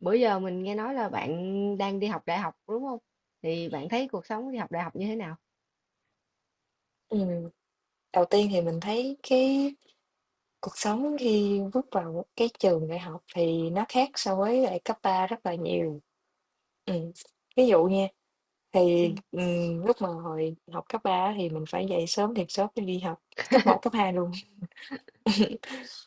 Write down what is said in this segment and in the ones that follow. Bữa giờ mình nghe nói là bạn đang đi học đại học đúng không? Thì bạn thấy cuộc sống đi học đại học như thế nào? Ừm, đầu tiên thì mình thấy cái cuộc sống khi bước vào cái trường đại học thì nó khác so với lại cấp 3 rất là nhiều. Ừm, ví dụ nha, lúc mà hồi học cấp 3 á thì mình phải dậy sớm thiệt sớm để đi học, cấp một cấp 2 luôn.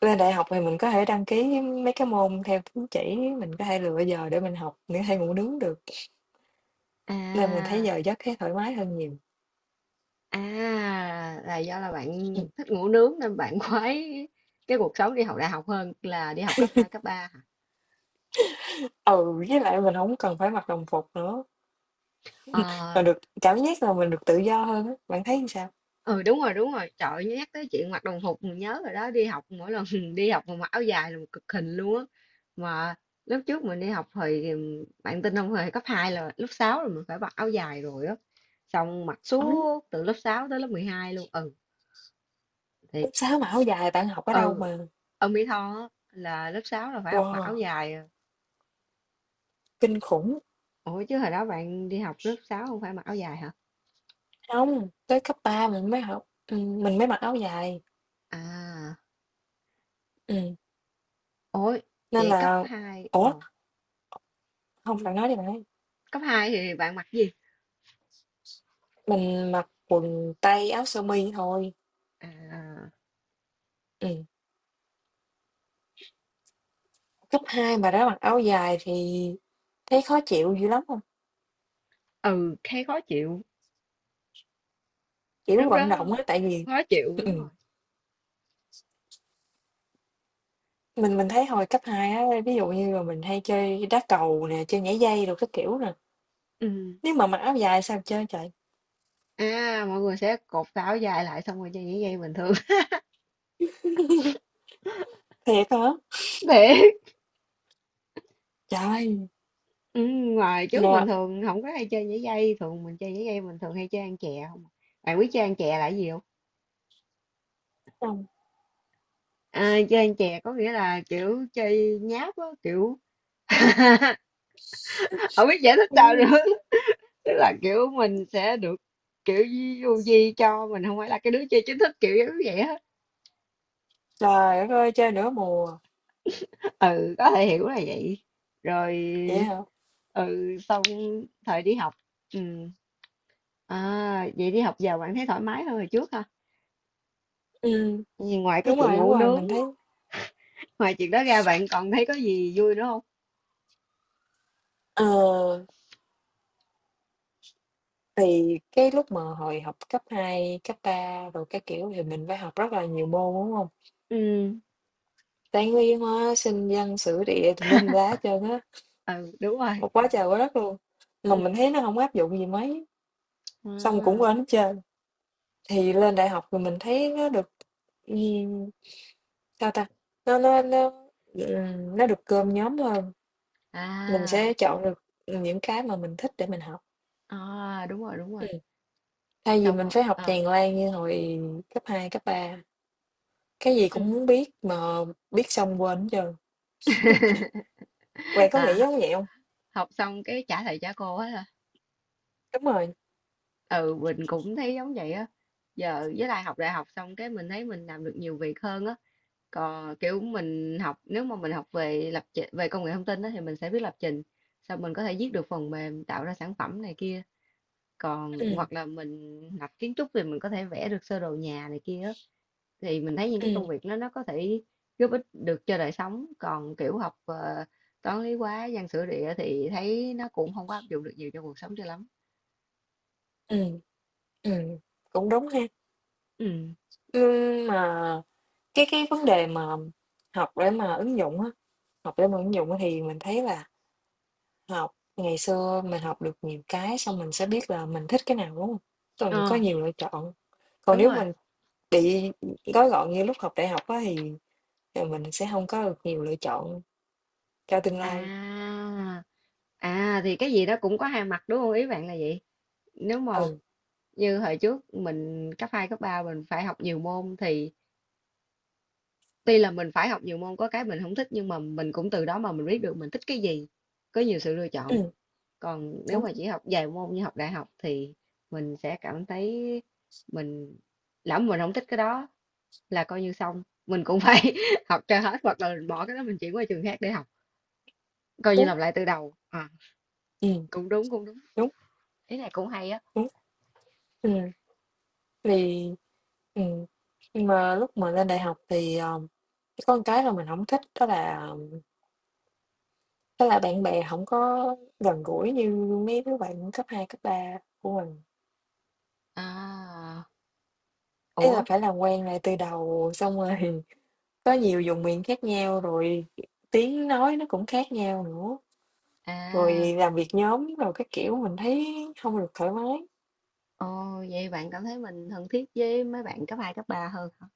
Lên đại học thì mình có thể đăng ký mấy cái môn theo tín chỉ, mình có thể lựa giờ để mình học, mình có thể ngủ nướng được, nên mình thấy À, giờ giấc thấy thoải mái hơn nhiều. à, là do là bạn Ừm, thích ngủ nướng nên bạn khoái cái cuộc sống đi học đại học hơn là đi học cấp 2 cấp 3 hả? ừ, với lại mình không cần phải mặc đồng phục nữa, Ờ. mà được cảm giác là mình được tự do hơn á, bạn thấy như sao? Ừ, đúng rồi, đúng rồi. Trời ơi, nhắc tới chuyện mặc đồng phục mình nhớ rồi đó, đi học mỗi lần đi học mà mặc áo dài là một cực hình luôn á. Mà lúc trước mình đi học thì bạn tin không, hồi cấp 2 là lớp 6 là mình phải mặc áo dài rồi á. Xong mặc Ừ. suốt từ lớp 6 tới lớp 12 luôn. Ừ, Lớp thiệt. 6 mà áo dài bạn học ở đâu Ừ, mà ở Mỹ Tho á, là lớp 6 là phải học mặc áo wow, dài. À. kinh khủng. Ủa chứ hồi đó bạn đi học lớp sáu không phải mặc áo dài hả? Không tới cấp 3 mình mới học mình mới mặc áo dài, À, ừm, ôi, nên vậy là ủa, không bạn nói đi, bạn nói cấp 2 thì bạn mặc gì? mình mặc quần tây, áo sơ mi thôi, À, ừm. Cấp hai mà đã mặc áo dài thì thấy khó chịu dữ lắm không? ừ, thấy khó chịu. Kiểu, Lúc vận đó động á, tại vì khó chịu, đúng rồi. ừm, mình thấy hồi cấp 2 á, ví dụ như là mình hay chơi đá cầu nè, chơi nhảy dây rồi các kiểu nè, Ừ. nếu mà mặc áo dài sao chơi trời? À, mọi người sẽ cột tà áo dài lại xong rồi chơi nhảy dây bình thường. Thiệt hả, Để trời ơi, ừ, ngoài trước mình thường không có hay chơi nhảy dây, thường mình chơi nhảy dây mình thường hay chơi ăn chè không. À? Bạn biết chơi ăn chè là cái gì không? là À, chơi ăn chè có nghĩa là kiểu chơi nháp á, kiểu không biết giải thích sao ừm. nữa. Tức là kiểu mình sẽ được kiểu du di cho mình không phải là cái đứa chơi chính thức kiểu giống vậy hết. Trời đất ơi, chơi nửa mùa, Ừ, có thể hiểu là vậy. Rồi, vậy hả? ừ, sau thời đi học, ừ, à, vậy đi học giờ bạn thấy thoải mái hơn hồi trước ha? Ừm, Vì ngoài cái chuyện đúng ngủ rồi, nướng, mình thấy ngoài chuyện đó ra, bạn còn thấy có gì vui nữa không? ờ, thì cái lúc mà hồi học cấp 2 cấp 3 rồi các kiểu thì mình phải học rất là nhiều môn, đúng hông? Ừ. Toán, lý, hóa, sinh, văn, sử, địa tùm lum la hết trơn á, Ừ, đúng rồi. một quá trời quá đất luôn, mà Ừ. mình thấy nó hổng áp dụng gì mấy, xong cũng à quên hết trơn. Thì lên đại học thì mình thấy nó được, ừm, sao ta, nó nó nó, nó được cơm nhóm hơn. Mình à, sẽ chọn được những cái mà mình thích để mình học. à, đúng rồi, đúng rồi, Ừm. Thay vì xong mình rồi. phải học Ờ. tràn lan như hồi cấp 2 cấp 3 cái gì cũng Ừ. muốn biết mà biết xong quên hết trơn. Bạn có nghĩ À, giống vậy hông? học xong cái trả thầy trả cô á hả? Đúng rồi, Ừ, mình cũng thấy giống vậy á. Giờ với lại học đại học xong cái mình thấy mình làm được nhiều việc hơn á, còn kiểu mình học nếu mà mình học về lập trình về công nghệ thông tin đó, thì mình sẽ biết lập trình, xong mình có thể viết được phần mềm tạo ra sản phẩm này kia, còn ừm, hoặc là mình học kiến trúc thì mình có thể vẽ được sơ đồ nhà này kia á. Thì mình thấy những cái ừm, công việc đó nó có thể giúp ích được cho đời sống, còn kiểu học toán lý hóa văn sử địa thì thấy nó cũng không có áp dụng được nhiều cho cuộc sống cho lắm. ừm, ừm, cũng đúng ha. Ừ. Mà cái vấn đề mà học để mà ứng dụng á, học để mà ứng dụng á thì mình thấy là học ngày xưa mình học được nhiều cái xong mình sẽ biết là mình thích cái nào, đúng hông? Xong có Ờ, nhiều lựa chọn. Còn đúng nếu rồi. mình bị gói gọn như lúc học đại học á thì, ờ, mình sẽ hông có được nhiều lựa chọn cho tương lai. À à thì cái gì đó cũng có hai mặt, đúng không, ý bạn là vậy. Nếu mà Ừ, như hồi trước mình cấp 2 cấp 3 mình phải học nhiều môn thì tuy là mình phải học nhiều môn có cái mình không thích, nhưng mà mình cũng từ đó mà mình biết được mình thích cái gì, có nhiều sự lựa chọn. ừm, Còn nếu đúng, mà chỉ học vài môn như học đại học thì mình sẽ cảm thấy mình lỡ mà mình không thích cái đó là coi như xong, mình cũng phải học cho hết, hoặc là mình bỏ cái đó mình chuyển qua trường khác để học, coi như đúng, làm lại từ đầu. À, ừm, cũng đúng cũng đúng, đúng, ý này cũng hay á. đúng, ừm, thì ừm, nhưng mà lúc mà lên đại học thì, ờ, có một cái là mình hổng thích đó là bạn bè hổng có gần gũi như mấy đứa bạn cấp 2 cấp 3 của mình. À, Ý là ủa, phải làm quen lại từ đầu, xong rồi có nhiều vùng miền khác nhau, rồi tiếng nói nó cũng khác nhau nữa. à. Rồi làm việc nhóm rồi các kiểu mình thấy hông được thoải mái. Ồ, vậy bạn cảm thấy mình thân thiết với mấy bạn cấp 2 cấp 3 hơn hả?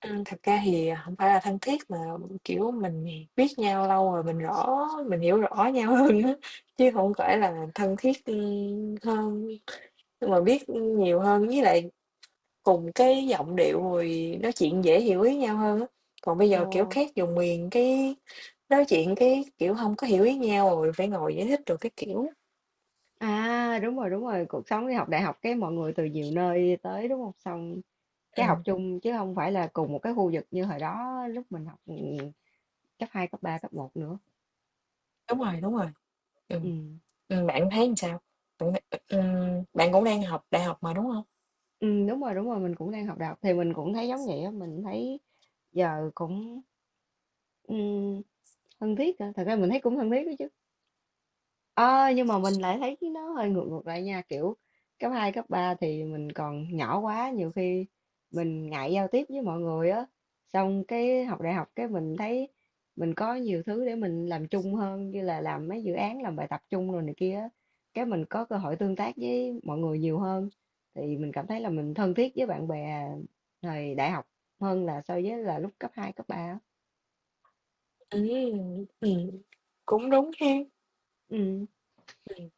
Thật ra thì hổng phải là thân thiết mà, kiểu, mình biết nhau lâu rồi mình rõ mình hiểu rõ nhau hơn á, chứ hổng phải là thân thiết, ưm, hơn, nhưng mà biết nhiều hơn với lại cùng cái giọng điệu rồi nói chuyện dễ hiểu ý nhau hơn á. Còn bây Ồ, giờ, kiểu, khác vùng miền cái nói chuyện cái, kiểu, hông có hiểu ý nhau rồi phải ngồi giải thích đồ các kiểu. à, đúng rồi, đúng rồi, cuộc sống đi học đại học cái mọi người từ nhiều nơi tới đúng không, xong cái học Ừm, chung chứ không phải là cùng một cái khu vực như hồi đó lúc mình học. Ừ, cấp 2 cấp 3 cấp một nữa. Đúng rồi, ừ. Ừ. Bạn thấy làm sao? Bạn cũng đang học đại học mà, đúng hông? Ừ, đúng rồi, đúng rồi, mình cũng đang học đại học thì mình cũng thấy giống vậy á. Mình thấy giờ cũng, ừ, thân thiết á. Thật ra mình thấy cũng thân thiết đó chứ. Ờ, nhưng mà mình lại thấy nó hơi ngược ngược lại nha, kiểu cấp 2 cấp 3 thì mình còn nhỏ quá, nhiều khi mình ngại giao tiếp với mọi người á, xong cái học đại học cái mình thấy mình có nhiều thứ để mình làm chung hơn như là làm mấy dự án làm bài tập chung rồi này kia á, cái mình có cơ hội tương tác với mọi người nhiều hơn, thì mình cảm thấy là mình thân thiết với bạn bè thời đại học hơn là so với là lúc cấp 2 cấp ba á. Ừm, ừm. Cũng đúng ha. Ừ. Ừm.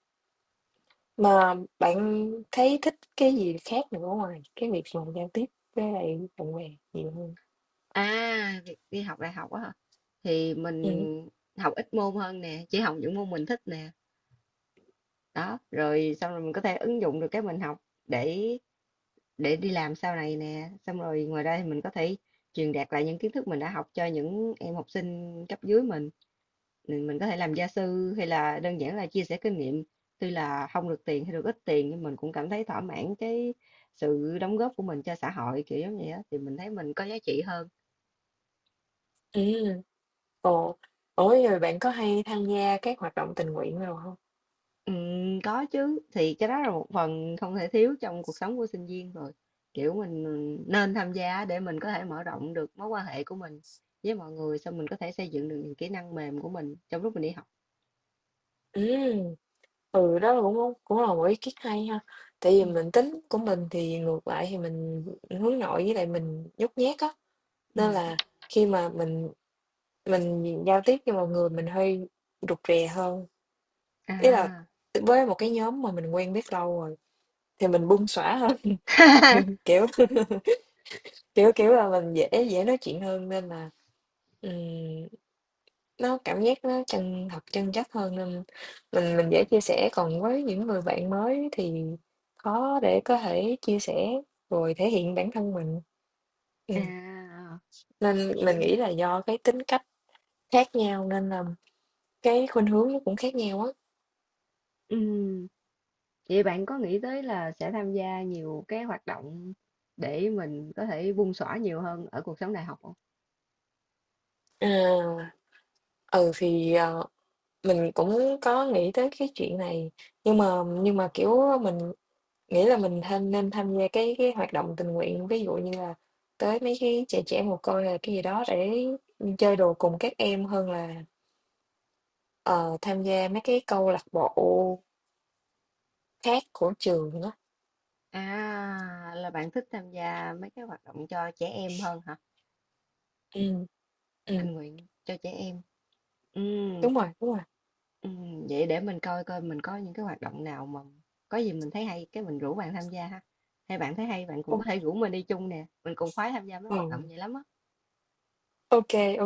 Mà bạn thấy thích cái gì khác nữa ngoài cái việc mà giao tiếp với lại bạn bè nhiều hơn? À, việc đi học đại học á hả? Thì mình Ừm. học ít môn hơn nè, chỉ học những môn mình thích nè. Đó, rồi xong rồi mình có thể ứng dụng được cái mình học để để đi làm sau này nè. Xong rồi ngoài ra thì mình có thể truyền đạt lại những kiến thức mình đã học cho những em học sinh cấp dưới mình. Mình có thể làm gia sư hay là đơn giản là chia sẻ kinh nghiệm. Tuy là không được tiền hay được ít tiền nhưng mình cũng cảm thấy thỏa mãn cái sự đóng góp của mình cho xã hội kiểu giống vậy á, thì mình thấy mình có giá trị hơn. Ừm. Ồ, ủa, rồi bạn có hay tham gia các hoạt động tình nguyện đồ hông? Có chứ, thì cái đó là một phần không thể thiếu trong cuộc sống của sinh viên rồi, kiểu mình, ừ, nên tham gia để mình có thể mở rộng được mối quan hệ của mình với mọi người, xong mình có thể xây dựng được những kỹ năng mềm của mình trong lúc mình đi học. Ừm. Ừ, đó là cũng cũng là một ý kiến hay ha. Tại vì Ừ. mình tính của mình thì ngược lại thì mình hướng nội với lại mình nhút nhát á, Ừ. nên là khi mà mình giao tiếp với mọi người mình hơi rụt rè hơn, ý là À. với một cái nhóm mà mình quen biết lâu rồi thì mình bung xõa hơn, kiểu, kiểu là mình dễ dễ nói chuyện hơn nên là, ừm, nó cảm giác nó chân thật, chân chất hơn nên mình dễ chia sẻ. Còn với những người bạn mới thì khó để có thể chia sẻ rồi thể hiện bản thân mình. Ừm, À, nên ừ. mình nghĩ là do cái tính cách khác nhau nên là cái khuynh hướng nó cũng khác nhau á. Ừ. Vậy bạn có nghĩ tới là sẽ tham gia nhiều cái hoạt động để mình có thể bung xõa nhiều hơn ở cuộc sống đại học không? À, ừ, mình cũng có nghĩ tới cái chuyện này, nhưng mà kiểu, mình nghĩ là mình tham nên tham gia cái hoạt động tình nguyện, ví dụ như là tới mấy cái trẻ trẻ mồ côi hay là cái gì đó để, chơi đùa cùng các em hơn là, ờ, tham gia mấy cái câu lạc bộ khác của trường á. À là bạn thích tham gia mấy cái hoạt động cho trẻ em hơn hả, Ừm, ừm, tình nguyện cho trẻ em. Ừm, đúng rồi, đúng rồi. Vậy để mình coi coi mình có những cái hoạt động nào mà có gì mình thấy hay cái mình rủ bạn tham gia ha, hay bạn thấy hay bạn cũng Ô, có thể rủ mình đi chung nè, mình cùng khoái tham gia mấy hoạt động ừ, vậy lắm á. ô kê,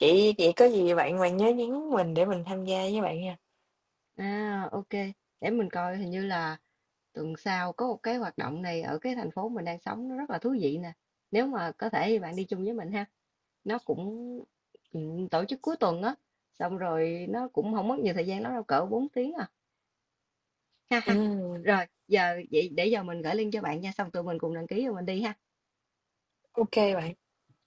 Vậy vậy có gì bạn bạn nhớ nhắn mình để mình tham gia với bạn nha. À, ok, để mình coi hình như là tuần sau có một cái hoạt động này ở cái thành phố mình đang sống, nó rất là thú vị nè, nếu mà có thể thì bạn đi chung với mình ha. Nó cũng, tổ chức cuối tuần á, xong rồi nó cũng không mất nhiều thời gian lắm đâu, cỡ 4 tiếng à. Ha ha. Ừm, Rồi, giờ vậy để giờ mình gửi link cho bạn nha, xong tụi mình cùng đăng ký rồi mình đi ha. ô bạn.